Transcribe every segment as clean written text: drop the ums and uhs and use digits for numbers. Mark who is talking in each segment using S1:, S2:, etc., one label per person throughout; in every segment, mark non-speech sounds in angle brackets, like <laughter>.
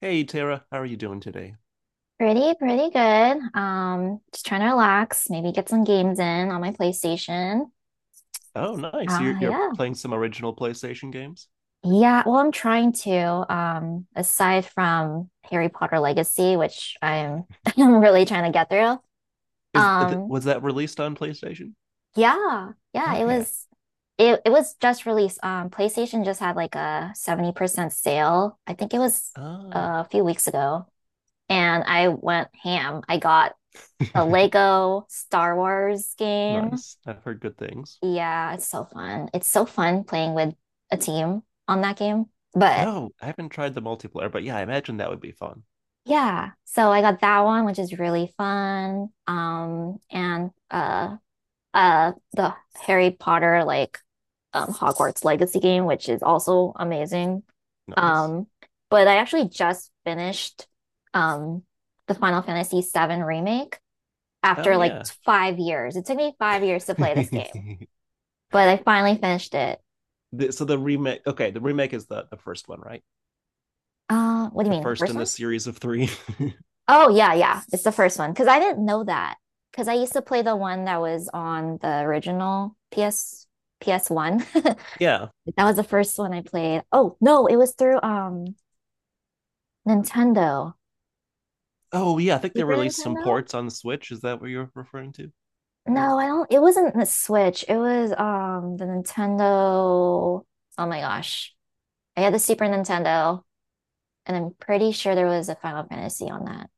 S1: Hey Tara, how are you doing today?
S2: Pretty, pretty good. Just trying to relax, maybe get some games in on my PlayStation.
S1: Oh, nice. You're
S2: Ah,
S1: you're
S2: yeah.
S1: playing some original PlayStation games?
S2: Yeah, well, I'm trying to. Aside from Harry Potter Legacy, which I'm <laughs> I'm really trying to get through.
S1: Is th
S2: Um,
S1: Was that released on PlayStation?
S2: yeah, yeah, it
S1: Okay.
S2: was it it was just released. PlayStation just had like a 70% sale. I think it was
S1: Oh.
S2: a few weeks ago, and I went ham. I got a
S1: <laughs>
S2: Lego Star Wars game.
S1: Nice. I've heard good things.
S2: Yeah, it's so fun. It's so fun playing with a team on that game. But
S1: Oh, I haven't tried the multiplayer, but yeah, I imagine that would be fun.
S2: yeah, so I got that one, which is really fun. And the Harry Potter like Hogwarts Legacy game, which is also amazing.
S1: Nice.
S2: Um, but I actually just finished um the Final Fantasy VII remake
S1: Oh
S2: after like
S1: yeah.
S2: 5 years. It took me 5 years to play this game,
S1: <laughs>
S2: but I finally finished it.
S1: So the remake, okay, the remake is the first one, right?
S2: What do
S1: The
S2: you mean, the
S1: first
S2: first
S1: in the
S2: one?
S1: series of three. <laughs>
S2: Oh yeah, yeah. It's the first one because I didn't know that because I used to play the one that was on the original PS PS1. <laughs>
S1: Yeah.
S2: That was the first one I played. Oh no, it was through Nintendo.
S1: Oh yeah, I think they
S2: Super
S1: released some
S2: Nintendo?
S1: ports on the Switch. Is that what you're referring to?
S2: No, I don't. It wasn't the Switch. It was the Nintendo. Oh my gosh. I had the Super Nintendo, and I'm pretty sure there was a Final Fantasy on that.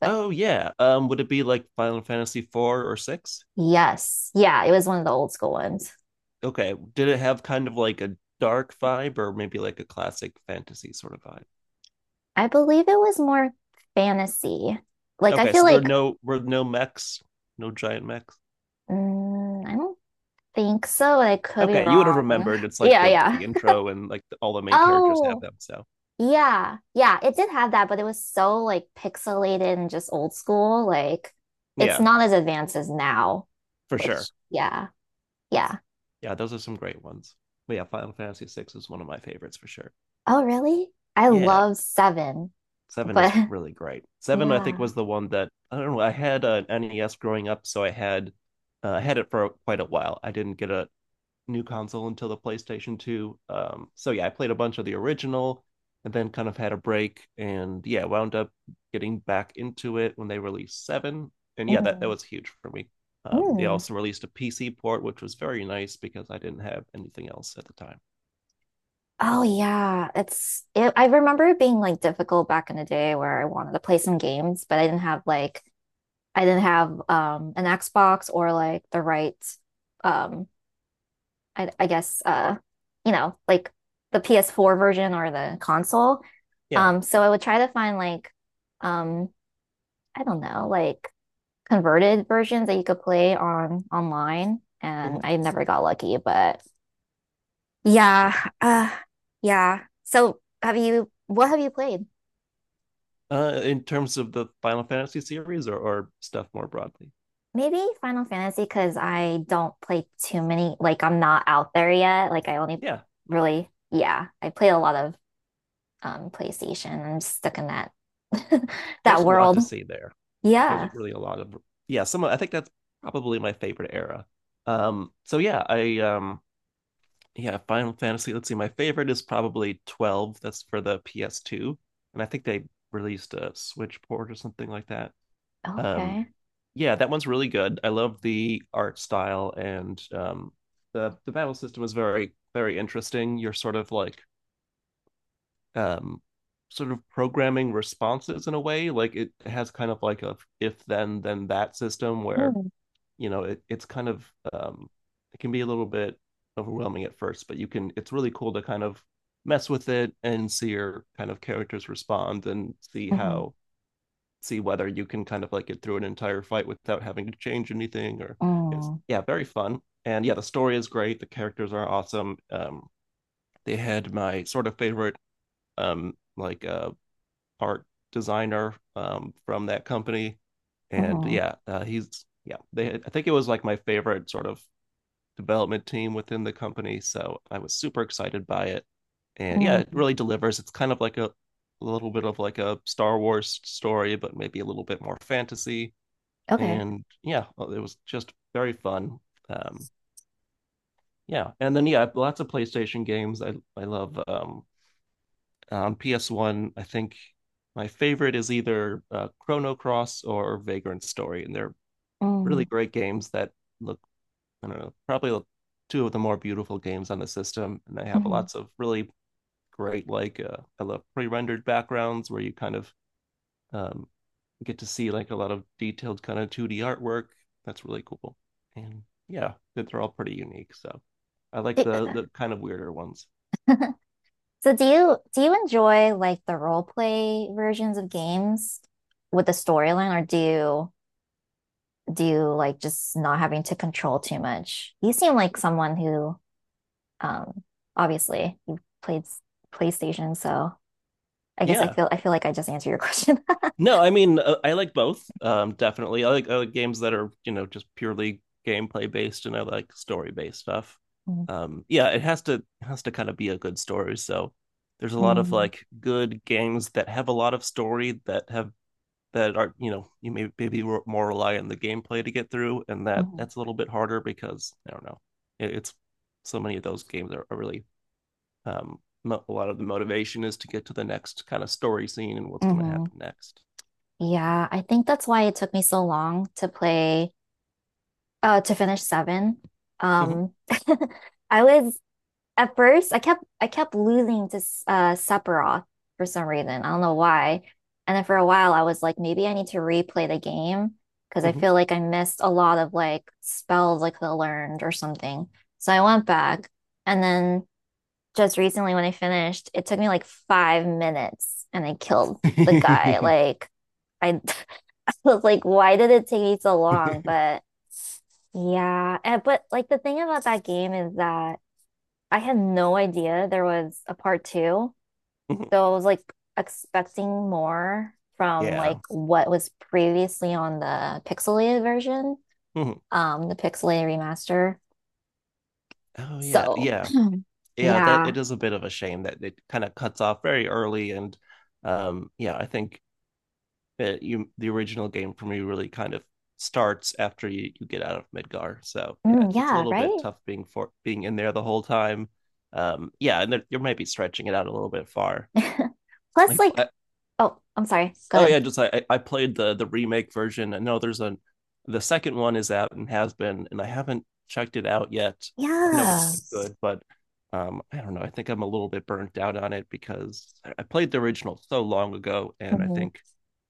S2: But
S1: Oh yeah. Would it be like Final Fantasy 4 or 6?
S2: yes, yeah, it was one of the old school ones.
S1: Okay. Did it have kind of like a dark vibe or maybe like a classic fantasy sort of vibe?
S2: I believe it was more fantasy. Like, I
S1: Okay,
S2: feel
S1: so there are
S2: like,
S1: no were no mechs, no giant mechs.
S2: mm, I don't think so. I could be
S1: Okay, you would have
S2: wrong.
S1: remembered. It's
S2: <laughs>
S1: like
S2: Yeah,
S1: the
S2: yeah.
S1: the intro and all the main characters have
S2: Oh,
S1: them. So
S2: yeah. Yeah, it did have that, but it was so like pixelated and just old school. Like, it's
S1: yeah,
S2: not as advanced as now,
S1: for sure.
S2: which, yeah, yeah.
S1: Yeah, those are some great ones. But yeah, Final Fantasy VI is one of my favorites for sure.
S2: Oh, really? I
S1: Yeah,
S2: love Seven,
S1: seven is
S2: but
S1: really great.
S2: <laughs>
S1: Seven, I
S2: yeah.
S1: think, was the one that I don't know. I had an NES growing up, so I had it for quite a while. I didn't get a new console until the PlayStation 2. So yeah, I played a bunch of the original and then kind of had a break, and yeah, wound up getting back into it when they released 7. And yeah, that
S2: Mm,
S1: was huge for me. They
S2: mm.
S1: also released a PC port, which was very nice because I didn't have anything else at the time.
S2: Oh yeah, I remember it being like difficult back in the day where I wanted to play some games, but I didn't have an Xbox or like the right um I guess like the PS4 version or the console.
S1: Yeah.
S2: So I would try to find like um I don't know, like converted versions that you could play on online and
S1: Hmm.
S2: I never got lucky, but yeah,
S1: Yeah.
S2: uh yeah. So have you what have you played?
S1: In terms of the Final Fantasy series, or stuff more broadly.
S2: Maybe Final Fantasy because I don't play too many. Like I'm not out there yet. Like I only
S1: Yeah,
S2: really, yeah, I play a lot of PlayStation. I'm stuck in that <laughs>
S1: there's
S2: that
S1: a lot
S2: world.
S1: to see there. There's
S2: Yeah.
S1: really a lot of yeah, I think that's probably my favorite era. Um so yeah, I um yeah, Final Fantasy. Let's see, my favorite is probably 12. That's for the PS2. And I think they released a Switch port or something like that. Um,
S2: Okay.
S1: yeah, that one's really good. I love the art style, and the battle system is very, very interesting. You're sort of like um, sort of programming responses in a way. Like it has kind of like a if then then that system where
S2: Mm.
S1: you know it's kind of um, it can be a little bit overwhelming at first, but you can it's really cool to kind of mess with it and see your kind of characters respond and see
S2: Hmm.
S1: how see whether you can kind of like get through an entire fight without having to change anything or it's
S2: Mm.
S1: yeah very fun. And yeah, the story is great, the characters are awesome, um, they had my sort of favorite um like uh art designer from that company. And
S2: Hmm.
S1: yeah he's yeah they I think it was like my favorite sort of development team within the company. So I was super excited by it. And yeah,
S2: Mm.
S1: it really delivers. It's kind of like a little bit of like a Star Wars story, but maybe a little bit more fantasy.
S2: Okay.
S1: And yeah, well, it was just very fun. Um, yeah. And then, yeah, lots of PlayStation games. I love on PS1, I think my favorite is either Chrono Cross or Vagrant Story. And they're really
S2: Mm.
S1: great games that look I don't know, probably two of the more beautiful games on the system. And they have
S2: Hmm.
S1: lots of really great, I love pre rendered backgrounds where you kind of um, get to see like a lot of detailed kind of 2D artwork. That's really cool. And yeah, they're all pretty unique. So I like the kind of weirder ones.
S2: <laughs> So do you enjoy like the role play versions of games with the storyline, or do you do like just not having to control too much? You seem like someone who, um, obviously you played PlayStation, so I guess
S1: Yeah,
S2: I feel like I just answered your question.
S1: no, I mean I like both. Definitely, I like games that are you know just purely gameplay based, and I like story based stuff.
S2: <laughs>
S1: Yeah, it has to kind of be a good story. So there's a lot of
S2: Mm-hmm.
S1: like good games that have a lot of story that have that are you know you may maybe more rely on the gameplay to get through, and that's a little bit harder because I don't know. It's so many of those games are really um, a lot of the motivation is to get to the next kind of story scene and what's going to
S2: Hmm.
S1: happen next.
S2: Yeah, I think that's why it took me so long to finish seven.
S1: Mhm,
S2: Um, <laughs> I was At first, I kept losing to Sephiroth for some reason. I don't know why. And then for a while, I was like, maybe I need to replay the game because I
S1: mhm.
S2: feel like I missed a lot of like spells I could have learned or something. So I went back, and then just recently when I finished, it took me like 5 minutes, and I killed the guy.
S1: <laughs>
S2: I, <laughs> I was like, why did it take me so long? But yeah, but like the thing about that game is that. I had no idea there was a part two. So I was like expecting more from like
S1: Yeah.
S2: what was previously on the pixelated version,
S1: Mhm.
S2: the pixelated remaster.
S1: Oh yeah.
S2: So
S1: Yeah.
S2: <clears throat>
S1: Yeah, that
S2: yeah.
S1: it is a bit of a shame that it kind of cuts off very early. And yeah, I think that you the original game for me really kind of starts after you get out of Midgar. So, yeah,
S2: Mm,
S1: it's a
S2: yeah,
S1: little bit
S2: right?
S1: tough being for being in there the whole time. Yeah, and there, you might be stretching it out a little bit far.
S2: <laughs> Plus
S1: Like
S2: like
S1: I,
S2: oh, I'm sorry. Go
S1: oh
S2: ahead.
S1: yeah, just I played the remake version. I know there's a the second one is out and has been, and I haven't checked it out yet. I know it's
S2: Yeah.
S1: good, but I don't know. I think I'm a little bit burnt out on it because I played the original so long ago, and I
S2: Mhm.
S1: think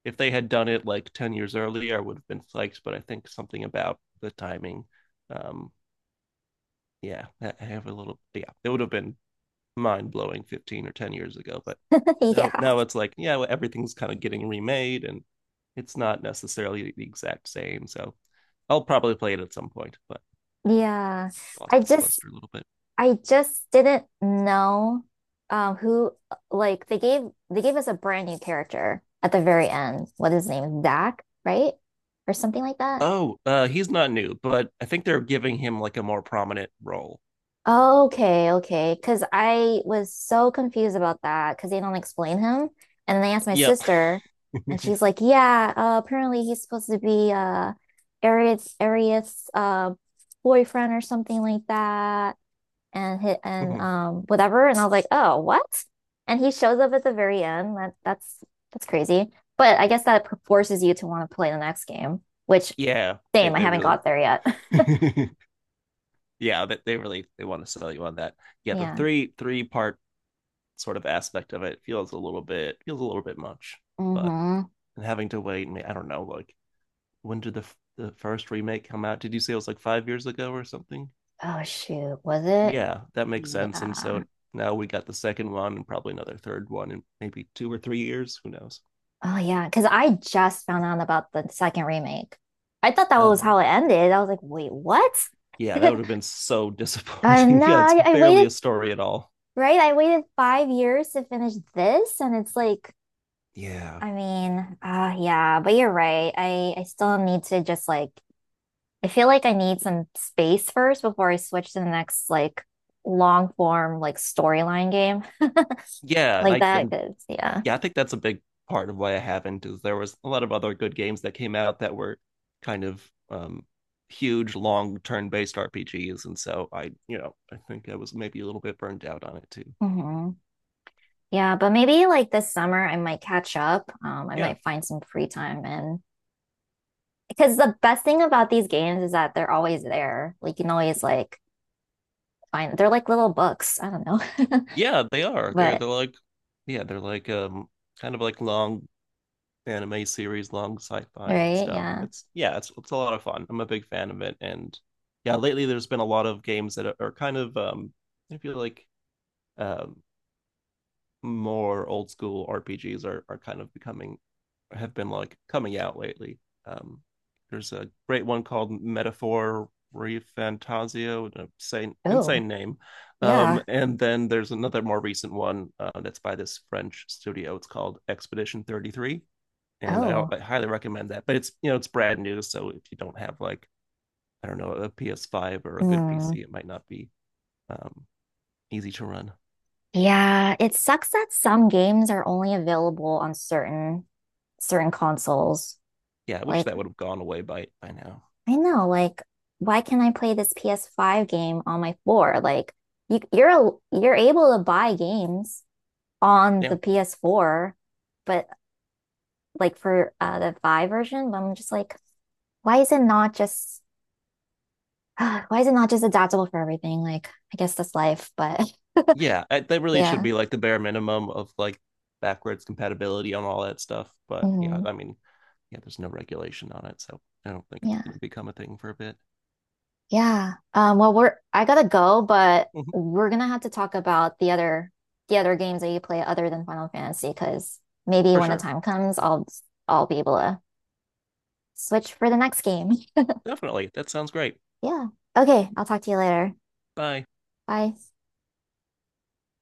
S1: if they had done it like 10 years earlier, I would have been psyched, but I think something about the timing, um, yeah, I have a little, yeah, it would have been mind blowing 15 or 10 years ago. But
S2: <laughs> Yeah.
S1: now it's like, yeah, well, everything's kind of getting remade and it's not necessarily the exact same. So I'll probably play it at some point, but
S2: Yeah. I
S1: lost its
S2: just
S1: luster a little bit.
S2: I just didn't know who like they gave us a brand new character at the very end. What is his name? Zach, right? Or something like that.
S1: Oh, he's not new, but I think they're giving him like a more prominent role.
S2: Okay, okay. Because I was so confused about that because they don't explain him. And then I asked my
S1: Yep.
S2: sister, and she's
S1: <laughs>
S2: like, "Yeah, apparently he's supposed to be Arius boyfriend or something like that." And hit and whatever. And I was like, oh, what? And he shows up at the very end. That's crazy. But I guess that forces you to want to play the next game, which
S1: Yeah,
S2: same, I
S1: they
S2: haven't
S1: really
S2: got there yet.
S1: <laughs> yeah, that they really they want to sell you on that. Yeah,
S2: <laughs>
S1: the
S2: Yeah.
S1: three-part sort of aspect of it feels a little bit feels a little bit much, but
S2: Mm-hmm.
S1: having to wait and I don't know, like when did the first remake come out? Did you say it was like 5 years ago or something?
S2: Oh shoot, was it?
S1: Yeah, that makes sense. And
S2: Yeah.
S1: so now we got the second one, and probably another third one in maybe 2 or 3 years. Who knows?
S2: Oh yeah, because I just found out about the second remake. I thought that
S1: Oh
S2: was
S1: yeah,
S2: how it ended. I was like, wait, what?
S1: yeah, that would have
S2: <laughs>
S1: been so
S2: I
S1: disappointing. <laughs>
S2: know.
S1: Yeah, it's
S2: I
S1: barely
S2: waited,
S1: a story at all.
S2: right? I waited 5 years to finish this, and it's like
S1: Yeah,
S2: I mean, yeah, but you're right. I still need to just like I feel like I need some space first before I switch to the next like long form like storyline game. <laughs>
S1: yeah, and
S2: Like
S1: I,
S2: that,
S1: I'm
S2: yeah.
S1: yeah, I think that's a big part of why I haven't is there was a lot of other good games that came out that were kind of um huge long turn-based RPGs, and so I you know I think I was maybe a little bit burned out on it too.
S2: Hmm. Yeah, but maybe like this summer I might catch up. I
S1: Yeah.
S2: might find some free time and because the best thing about these games is that they're always there. Like you can always like find they're like little books. I don't know. <laughs>
S1: Yeah, they are. They're
S2: But
S1: they're like yeah, they're like kind of like long anime series, long sci-fi
S2: right,
S1: stuff.
S2: yeah.
S1: It's yeah, it's a lot of fun. I'm a big fan of it. And yeah, lately there's been a lot of games that are kind of I feel like um more old school RPGs are kind of becoming have been like coming out lately. Um, there's a great one called Metaphor Refantasio, an insane,
S2: Oh,
S1: insane name.
S2: yeah.
S1: And then there's another more recent one that's by this French studio. It's called Expedition 33, and
S2: Oh.
S1: I highly recommend that. But it's you know it's brand new, so if you don't have like I don't know a PS5 or a good
S2: Mm.
S1: PC, it might not be um, easy to run.
S2: Yeah, it sucks that some games are only available on certain consoles.
S1: Yeah, I wish
S2: Like,
S1: that would have gone away by now.
S2: I know, like, why can't I play this PS5 game on my four? Like, you're able to buy games on the
S1: Yeah.
S2: PS4, but like for the 5 version, but I'm just like, why is it not just <sighs> why is it not just adaptable for everything? Like, I guess that's life, but
S1: Yeah, they
S2: <laughs>
S1: really should
S2: yeah.
S1: be like the bare minimum of like backwards compatibility on all that stuff. But yeah,
S2: Mhm.
S1: I mean, yeah, there's no regulation on it, so I don't think it's going to become a thing for a bit.
S2: Yeah. Well, we're I gotta go, but
S1: Mhm,
S2: we're gonna have to talk about the other games that you play other than Final Fantasy, because maybe
S1: for
S2: when the
S1: sure.
S2: time comes, I'll be able to switch for the next game. <laughs>
S1: Definitely. That sounds great.
S2: Yeah. Okay, I'll talk to you later.
S1: Bye.
S2: Bye.